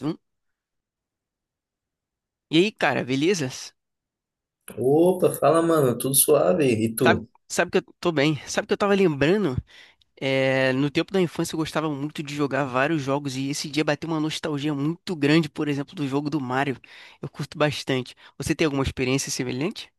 Hum? E aí, cara, beleza? Opa, fala, mano, tudo suave? E Sabe, tu? sabe que eu tô bem. Sabe que eu tava lembrando? É, no tempo da infância eu gostava muito de jogar vários jogos e esse dia bateu uma nostalgia muito grande, por exemplo, do jogo do Mario. Eu curto bastante. Você tem alguma experiência semelhante?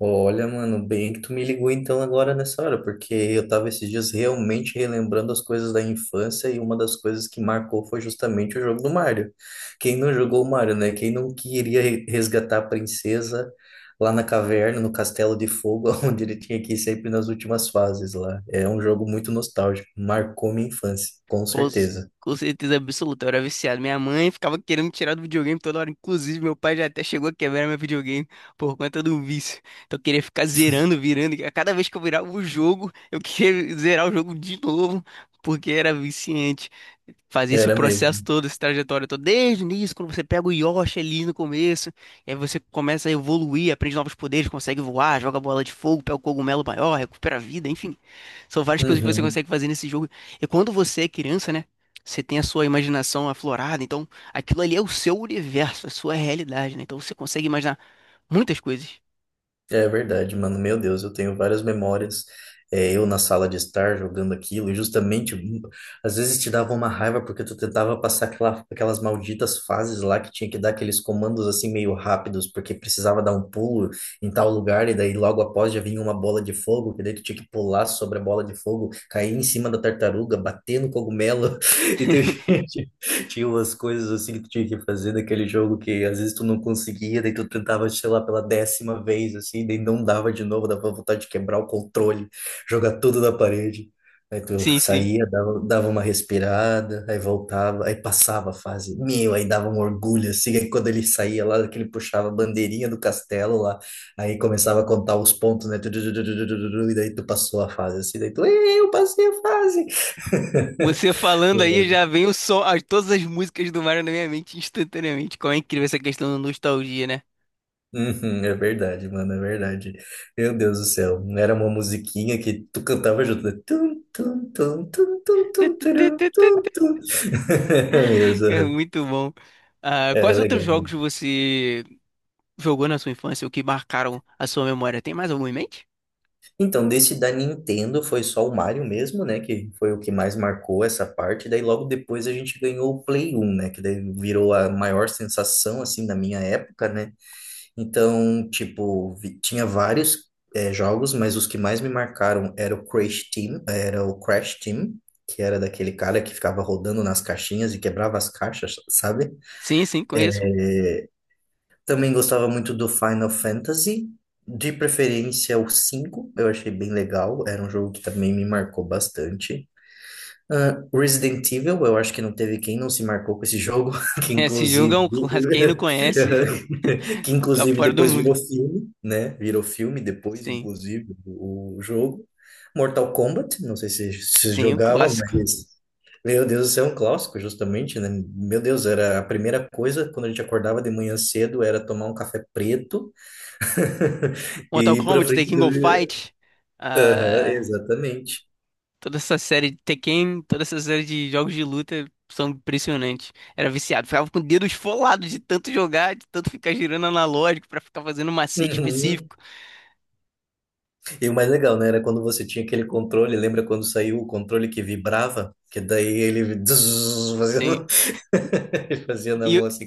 Olha, mano, bem que tu me ligou então agora nessa hora, porque eu tava esses dias realmente relembrando as coisas da infância e uma das coisas que marcou foi justamente o jogo do Mario. Quem não jogou o Mario, né? Quem não queria resgatar a princesa lá na caverna, no Castelo de Fogo, onde ele tinha que ir sempre nas últimas fases lá. É um jogo muito nostálgico, marcou minha infância, com Com, c- certeza. com certeza absoluta, eu era viciado. Minha mãe ficava querendo me tirar do videogame toda hora. Inclusive, meu pai já até chegou a quebrar meu videogame por conta do vício. Então, eu queria ficar zerando, virando. A cada vez que eu virava o jogo, eu queria zerar o jogo de novo, porque era viciante. Fazia esse Era processo mesmo. todo, essa trajetória toda, desde o início, quando você pega o Yoshi ali no começo, e aí você começa a evoluir, aprende novos poderes, consegue voar, joga bola de fogo, pega o cogumelo maior, recupera a vida, enfim. São várias coisas que você Uhum. consegue fazer nesse jogo. E quando você é criança, né? Você tem a sua imaginação aflorada, então aquilo ali é o seu universo, a sua realidade, né? Então você consegue imaginar muitas coisas. É verdade, mano. Meu Deus, eu tenho várias memórias. É, eu na sala de estar jogando aquilo, e justamente às vezes te dava uma raiva porque tu tentava passar aquelas malditas fases lá que tinha que dar aqueles comandos assim meio rápidos, porque precisava dar um pulo em tal lugar, e daí logo após já vinha uma bola de fogo, que daí tu tinha que pular sobre a bola de fogo, cair em cima da tartaruga, bater no cogumelo. Então, tinha umas coisas assim que tu tinha que fazer naquele jogo que às vezes tu não conseguia, daí tu tentava, sei lá, pela décima vez, assim, daí não dava de novo, dava vontade de quebrar o controle, jogar tudo na parede. Aí tu Sim, sim. saía, dava uma respirada, aí voltava, aí passava a fase. Meu, aí dava um orgulho, assim, aí quando ele saía lá, que ele puxava a bandeirinha do castelo lá, aí começava a contar os pontos, né? Tu, tu, tu, tu, tu, tu, tu, tu. E daí tu passou a fase, assim, daí tu: "Ei, eu passei a fase!" Você falando aí já vem o som, todas as músicas do Mario na minha mente instantaneamente. Como é incrível essa questão da nostalgia, né? Uhum, é verdade, mano, é verdade. Meu Deus do céu, não era uma musiquinha que tu cantava junto, né? Tum, tum, tum, tum, tum, tum, turum, tum, tum. Mesmo, É aham. muito bom. Ah, Era quais outros legal, jogos mano. você jogou na sua infância ou que marcaram a sua memória? Tem mais algum em mente? Então, desse da Nintendo foi só o Mario mesmo, né, que foi o que mais marcou essa parte, daí logo depois a gente ganhou o Play 1, né, que daí virou a maior sensação, assim, da minha época, né. Então, tipo, tinha vários jogos, mas os que mais me marcaram era o Crash Team, que era daquele cara que ficava rodando nas caixinhas e quebrava as caixas, sabe? Sim, sim, conheço. Também gostava muito do Final Fantasy, de preferência o 5 eu achei bem legal, era um jogo que também me marcou bastante. Ah, Resident Evil, eu acho que não teve quem não se marcou com esse jogo, que É, esse jogo inclusive, é um clássico. Quem não conhece, que tá inclusive fora do depois mundo. virou filme, né? Virou filme depois, Sim, inclusive, o jogo. Mortal Kombat, não sei se sim, um jogava, mas clássico. meu Deus, isso é um clássico, justamente, né? Meu Deus, era a primeira coisa quando a gente acordava de manhã cedo era tomar um café preto e Mortal ir pra Kombat, frente Tekken do. Go Fight, Aham, ah, exatamente. toda essa série de Tekken, toda essa série de jogos de luta são impressionantes. Era viciado, ficava com o dedo esfolado de tanto jogar, de tanto ficar girando analógico pra ficar fazendo um macete Uhum. específico. E o mais legal, né? Era quando você tinha aquele controle, lembra quando saiu o controle que vibrava? Que daí ele fazia Sim. na, ele fazia na E mão assim.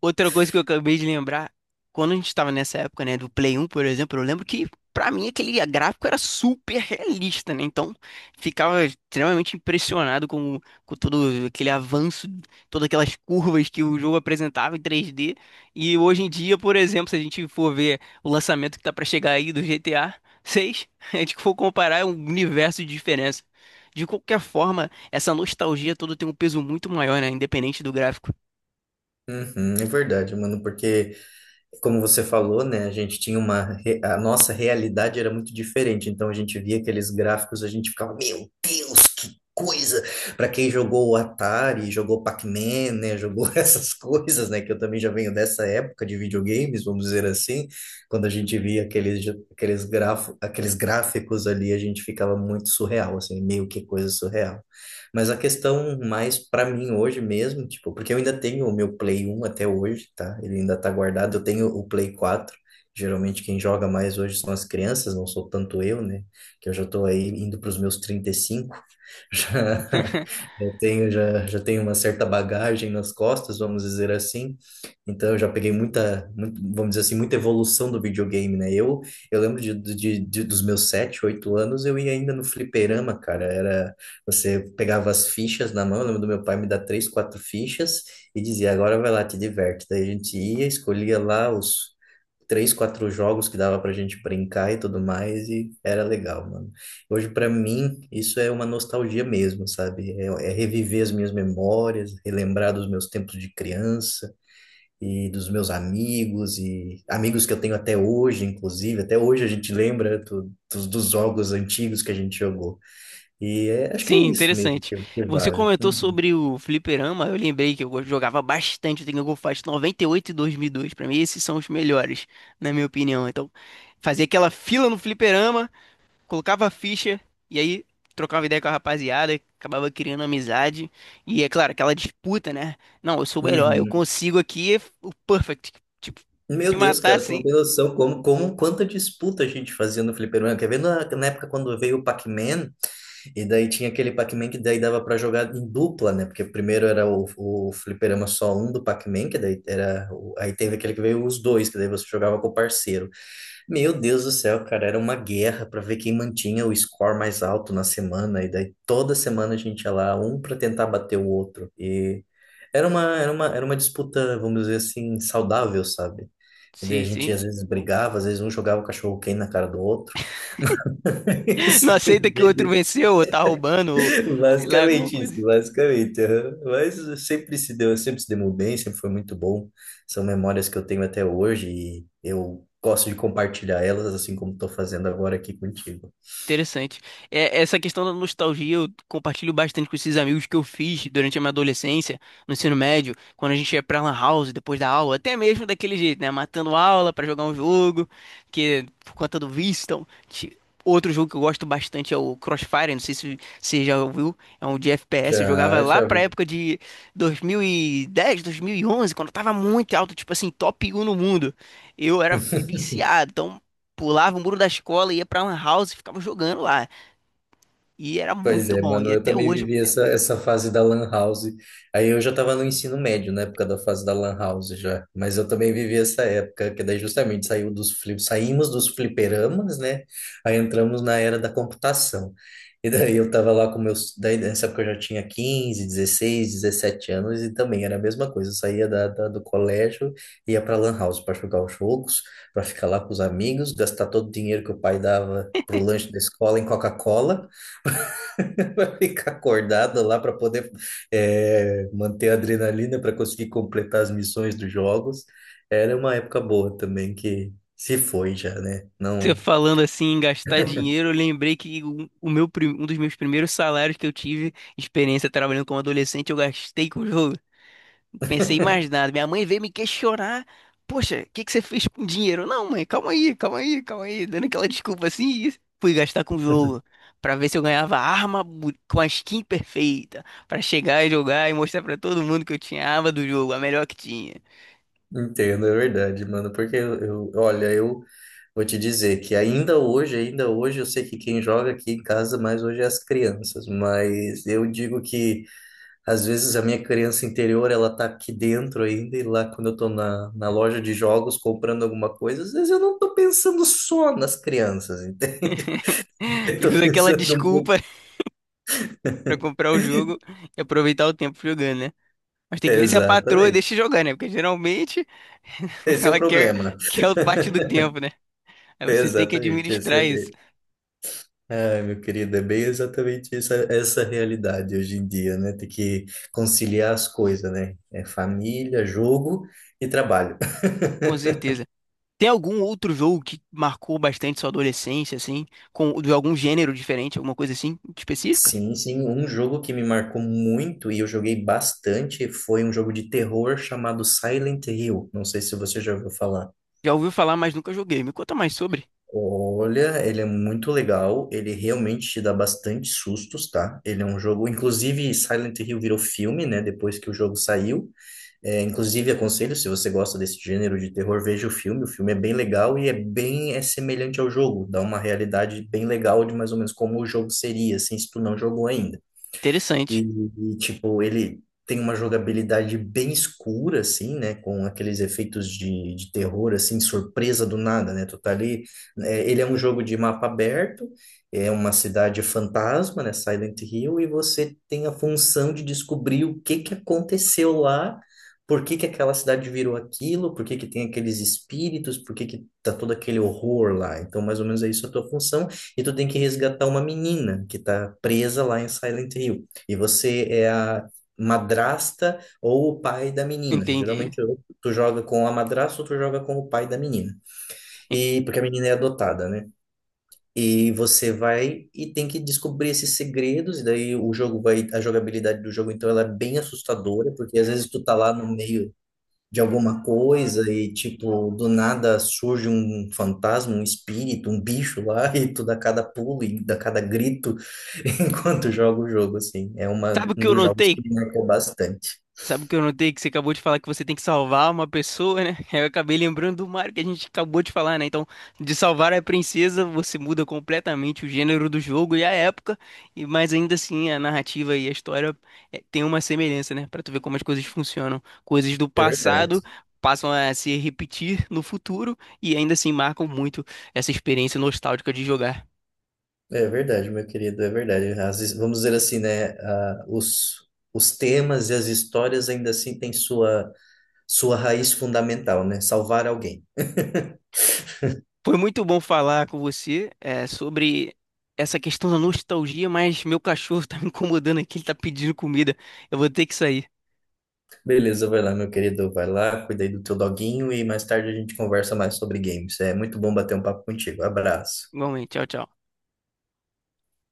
Outra coisa que eu acabei de lembrar, quando a gente estava nessa época, né, do Play 1, por exemplo, eu lembro que pra mim aquele gráfico era super realista, né? Então, ficava extremamente impressionado com todo aquele avanço, todas aquelas curvas que o jogo apresentava em 3D. E hoje em dia, por exemplo, se a gente for ver o lançamento que tá pra chegar aí do GTA 6, a seis, a gente for comparar é um universo de diferença. De qualquer forma, essa nostalgia toda tem um peso muito maior, né? Independente do gráfico. Uhum, é verdade, mano, porque, como você falou, né, a gente tinha a nossa realidade era muito diferente, então a gente via aqueles gráficos, a gente ficava, meu Deus, que coisa! Para quem jogou o Atari, jogou Pac-Man, né, jogou essas coisas, né, que eu também já venho dessa época de videogames, vamos dizer assim, quando a gente via aqueles gráficos ali, a gente ficava muito surreal, assim, meio que coisa surreal. Mas a questão mais pra mim hoje mesmo, tipo, porque eu ainda tenho o meu Play 1 até hoje, tá? Ele ainda tá guardado. Eu tenho o Play 4. Geralmente quem joga mais hoje são as crianças, não sou tanto eu, né? Que eu já tô aí indo pros meus 35. Já, já, já tenho uma certa bagagem nas costas, vamos dizer assim. Então eu já peguei vamos dizer assim, muita evolução do videogame, né? Eu lembro dos meus 7, 8 anos, eu ia ainda no fliperama, cara. Era você pegava as fichas na mão, eu lembro do meu pai me dar três, quatro fichas e dizia, agora vai lá, te diverte. Daí a gente ia, escolhia lá os três, quatro jogos que dava pra gente brincar e tudo mais, e era legal, mano. Hoje, pra mim, isso é uma nostalgia mesmo, sabe? É reviver as minhas memórias, relembrar dos meus tempos de criança e dos meus amigos e amigos que eu tenho até hoje, inclusive. Até hoje a gente lembra dos jogos antigos que a gente jogou. E acho que é Sim, isso mesmo interessante. que Você vale. comentou Uhum. sobre o fliperama, eu lembrei que eu jogava bastante o Tengen Fight 98 e 2002. Pra mim, esses são os melhores, na minha opinião. Então, fazia aquela fila no fliperama, colocava a ficha e aí trocava ideia com a rapaziada, acabava criando amizade. E é claro, aquela disputa, né? Não, eu sou o melhor, eu Uhum. consigo aqui o perfect. Tipo, Meu te Deus, matar, cara, tu não sim. tem noção como quanta disputa a gente fazia no fliperama. Quer ver na época quando veio o Pac-Man, e daí tinha aquele Pac-Man que daí dava pra jogar em dupla, né? Porque primeiro era o fliperama só um do Pac-Man, que daí era. Aí teve aquele que veio os dois, que daí você jogava com o parceiro. Meu Deus do céu, cara, era uma guerra para ver quem mantinha o score mais alto na semana, e daí toda semana a gente ia lá, um para tentar bater o outro. E era uma disputa, vamos dizer assim, saudável, sabe? E daí a Sim, gente sim. às vezes brigava, às vezes um jogava o cachorro quente na cara do outro. Não Isso, aceita que o outro venceu, ou tá roubando, ou sei lá, alguma basicamente isso, coisa. basicamente. Aham. Mas sempre se deu bem, sempre foi muito bom. São memórias que eu tenho até hoje e eu gosto de compartilhar elas, assim como estou fazendo agora aqui contigo. Interessante. É, essa questão da nostalgia eu compartilho bastante com esses amigos que eu fiz durante a minha adolescência, no ensino médio, quando a gente ia pra Lan House depois da aula, até mesmo daquele jeito, né? Matando aula pra jogar um jogo, que por conta do vício. Então, outro jogo que eu gosto bastante é o Crossfire, não sei se você já ouviu, é um de FPS. Eu jogava Já, lá já pra vi. época de 2010, 2011, quando eu tava muito alto, tipo assim, top 1 no mundo. Eu era viciado, então pulava o muro da escola, ia pra Lan House e ficava jogando lá. E era Pois muito é, bom. mano, E eu até também hoje, vivi essa fase da Lan House. Aí eu já estava no ensino médio, na época da fase da Lan House já. Mas eu também vivi essa época, que daí justamente saiu saímos dos fliperamas, né? Aí entramos na era da computação. E daí eu tava lá com meus. Daí nessa época eu já tinha 15, 16, 17 anos e também era a mesma coisa. Eu saía do colégio, ia pra Lan House para jogar os jogos, para ficar lá com os amigos, gastar todo o dinheiro que o pai dava pro lanche da escola em Coca-Cola. Vai ficar acordado lá para poder manter a adrenalina para conseguir completar as missões dos jogos. Era uma época boa também que se foi já, né? você Não falando assim em gastar dinheiro, eu lembrei que um dos meus primeiros salários que eu tive, experiência trabalhando como adolescente, eu gastei com o jogo. Não pensei em mais nada. Minha mãe veio me questionar. Poxa, o que que você fez com o dinheiro? Não, mãe, calma aí, calma aí, calma aí. Dando aquela desculpa assim, e fui gastar com o jogo. Pra ver se eu ganhava com a skin perfeita. Pra chegar e jogar e mostrar pra todo mundo que eu tinha a arma do jogo, a melhor que tinha. entendo, é verdade, mano. Porque eu, olha, eu vou te dizer que ainda hoje, eu sei que quem joga aqui em casa mais hoje é as crianças, mas eu digo que às vezes a minha criança interior, ela tá aqui dentro ainda, e lá quando eu tô na loja de jogos comprando alguma coisa, às vezes eu não tô pensando só nas crianças, entende? Eu tô Usa aquela pensando um pouco. desculpa pra comprar o jogo e aproveitar o tempo jogando, né? Mas tem que ver se a patroa Exatamente. deixa jogar, né? Porque geralmente Esse é o ela quer, problema. quer o parte do tempo, né? Aí você tem que Exatamente. Esse administrar isso, é. Ai, meu querido, é bem exatamente essa, realidade hoje em dia, né? Tem que conciliar as coisas, né? É família, jogo e trabalho. com certeza. Tem algum outro jogo que marcou bastante sua adolescência, assim, com de algum gênero diferente, alguma coisa assim específica? Sim, sim, um jogo que me marcou muito e eu joguei bastante foi um jogo de terror chamado Silent Hill. Não sei se você já ouviu falar. Já ouviu falar, mas nunca joguei. Me conta mais sobre. Olha, ele é muito legal, ele realmente te dá bastante sustos, tá? Ele é um jogo, inclusive Silent Hill virou filme, né? Depois que o jogo saiu. É, inclusive aconselho, se você gosta desse gênero de terror, veja o filme. O filme é bem legal e é bem é semelhante ao jogo, dá uma realidade bem legal de mais ou menos como o jogo seria, assim, se tu não jogou ainda. E, Interessante. e, tipo, ele tem uma jogabilidade bem escura, assim, né? Com aqueles efeitos de terror, assim, surpresa do nada, né? Tu tá ali. É, ele é um jogo de mapa aberto, é uma cidade fantasma, né? Silent Hill, e você tem a função de descobrir o que que aconteceu lá. Por que que aquela cidade virou aquilo? Por que que tem aqueles espíritos? Por que que tá todo aquele horror lá? Então, mais ou menos é isso a tua função. E tu tem que resgatar uma menina que tá presa lá em Silent Hill. E você é a madrasta ou o pai da menina. Entendi. Geralmente ou tu joga com a madrasta ou tu joga com o pai da menina. E- E porque a menina é adotada, né? E você vai e tem que descobrir esses segredos, e daí o jogo vai, a jogabilidade do jogo então ela é bem assustadora, porque às vezes tu tá lá no meio de alguma coisa e, tipo, do nada surge um fantasma, um espírito, um bicho lá e tu dá cada pulo e dá cada grito enquanto joga o jogo, assim. É Sabe o um que eu dos jogos notei, que me marcou bastante. Sabe o que eu notei que você acabou de falar que você tem que salvar uma pessoa, né? Eu acabei lembrando do Mario que a gente acabou de falar, né? Então, de salvar a princesa, você muda completamente o gênero do jogo e a época, e mas ainda assim a narrativa e a história tem uma semelhança, né? Pra tu ver como as coisas funcionam. Coisas do É passado verdade. passam a se repetir no futuro e ainda assim marcam muito essa experiência nostálgica de jogar. É verdade, meu querido, é verdade. Às vezes, vamos dizer assim, né? Ah, os temas e as histórias ainda assim têm sua raiz fundamental, né? Salvar alguém. Foi muito bom falar com você, é, sobre essa questão da nostalgia, mas meu cachorro tá me incomodando aqui, ele tá pedindo comida. Eu vou ter que sair. Beleza, vai lá, meu querido. Vai lá, cuida aí do teu doguinho e mais tarde a gente conversa mais sobre games. É muito bom bater um papo contigo. Abraço. Igualmente, tchau, tchau.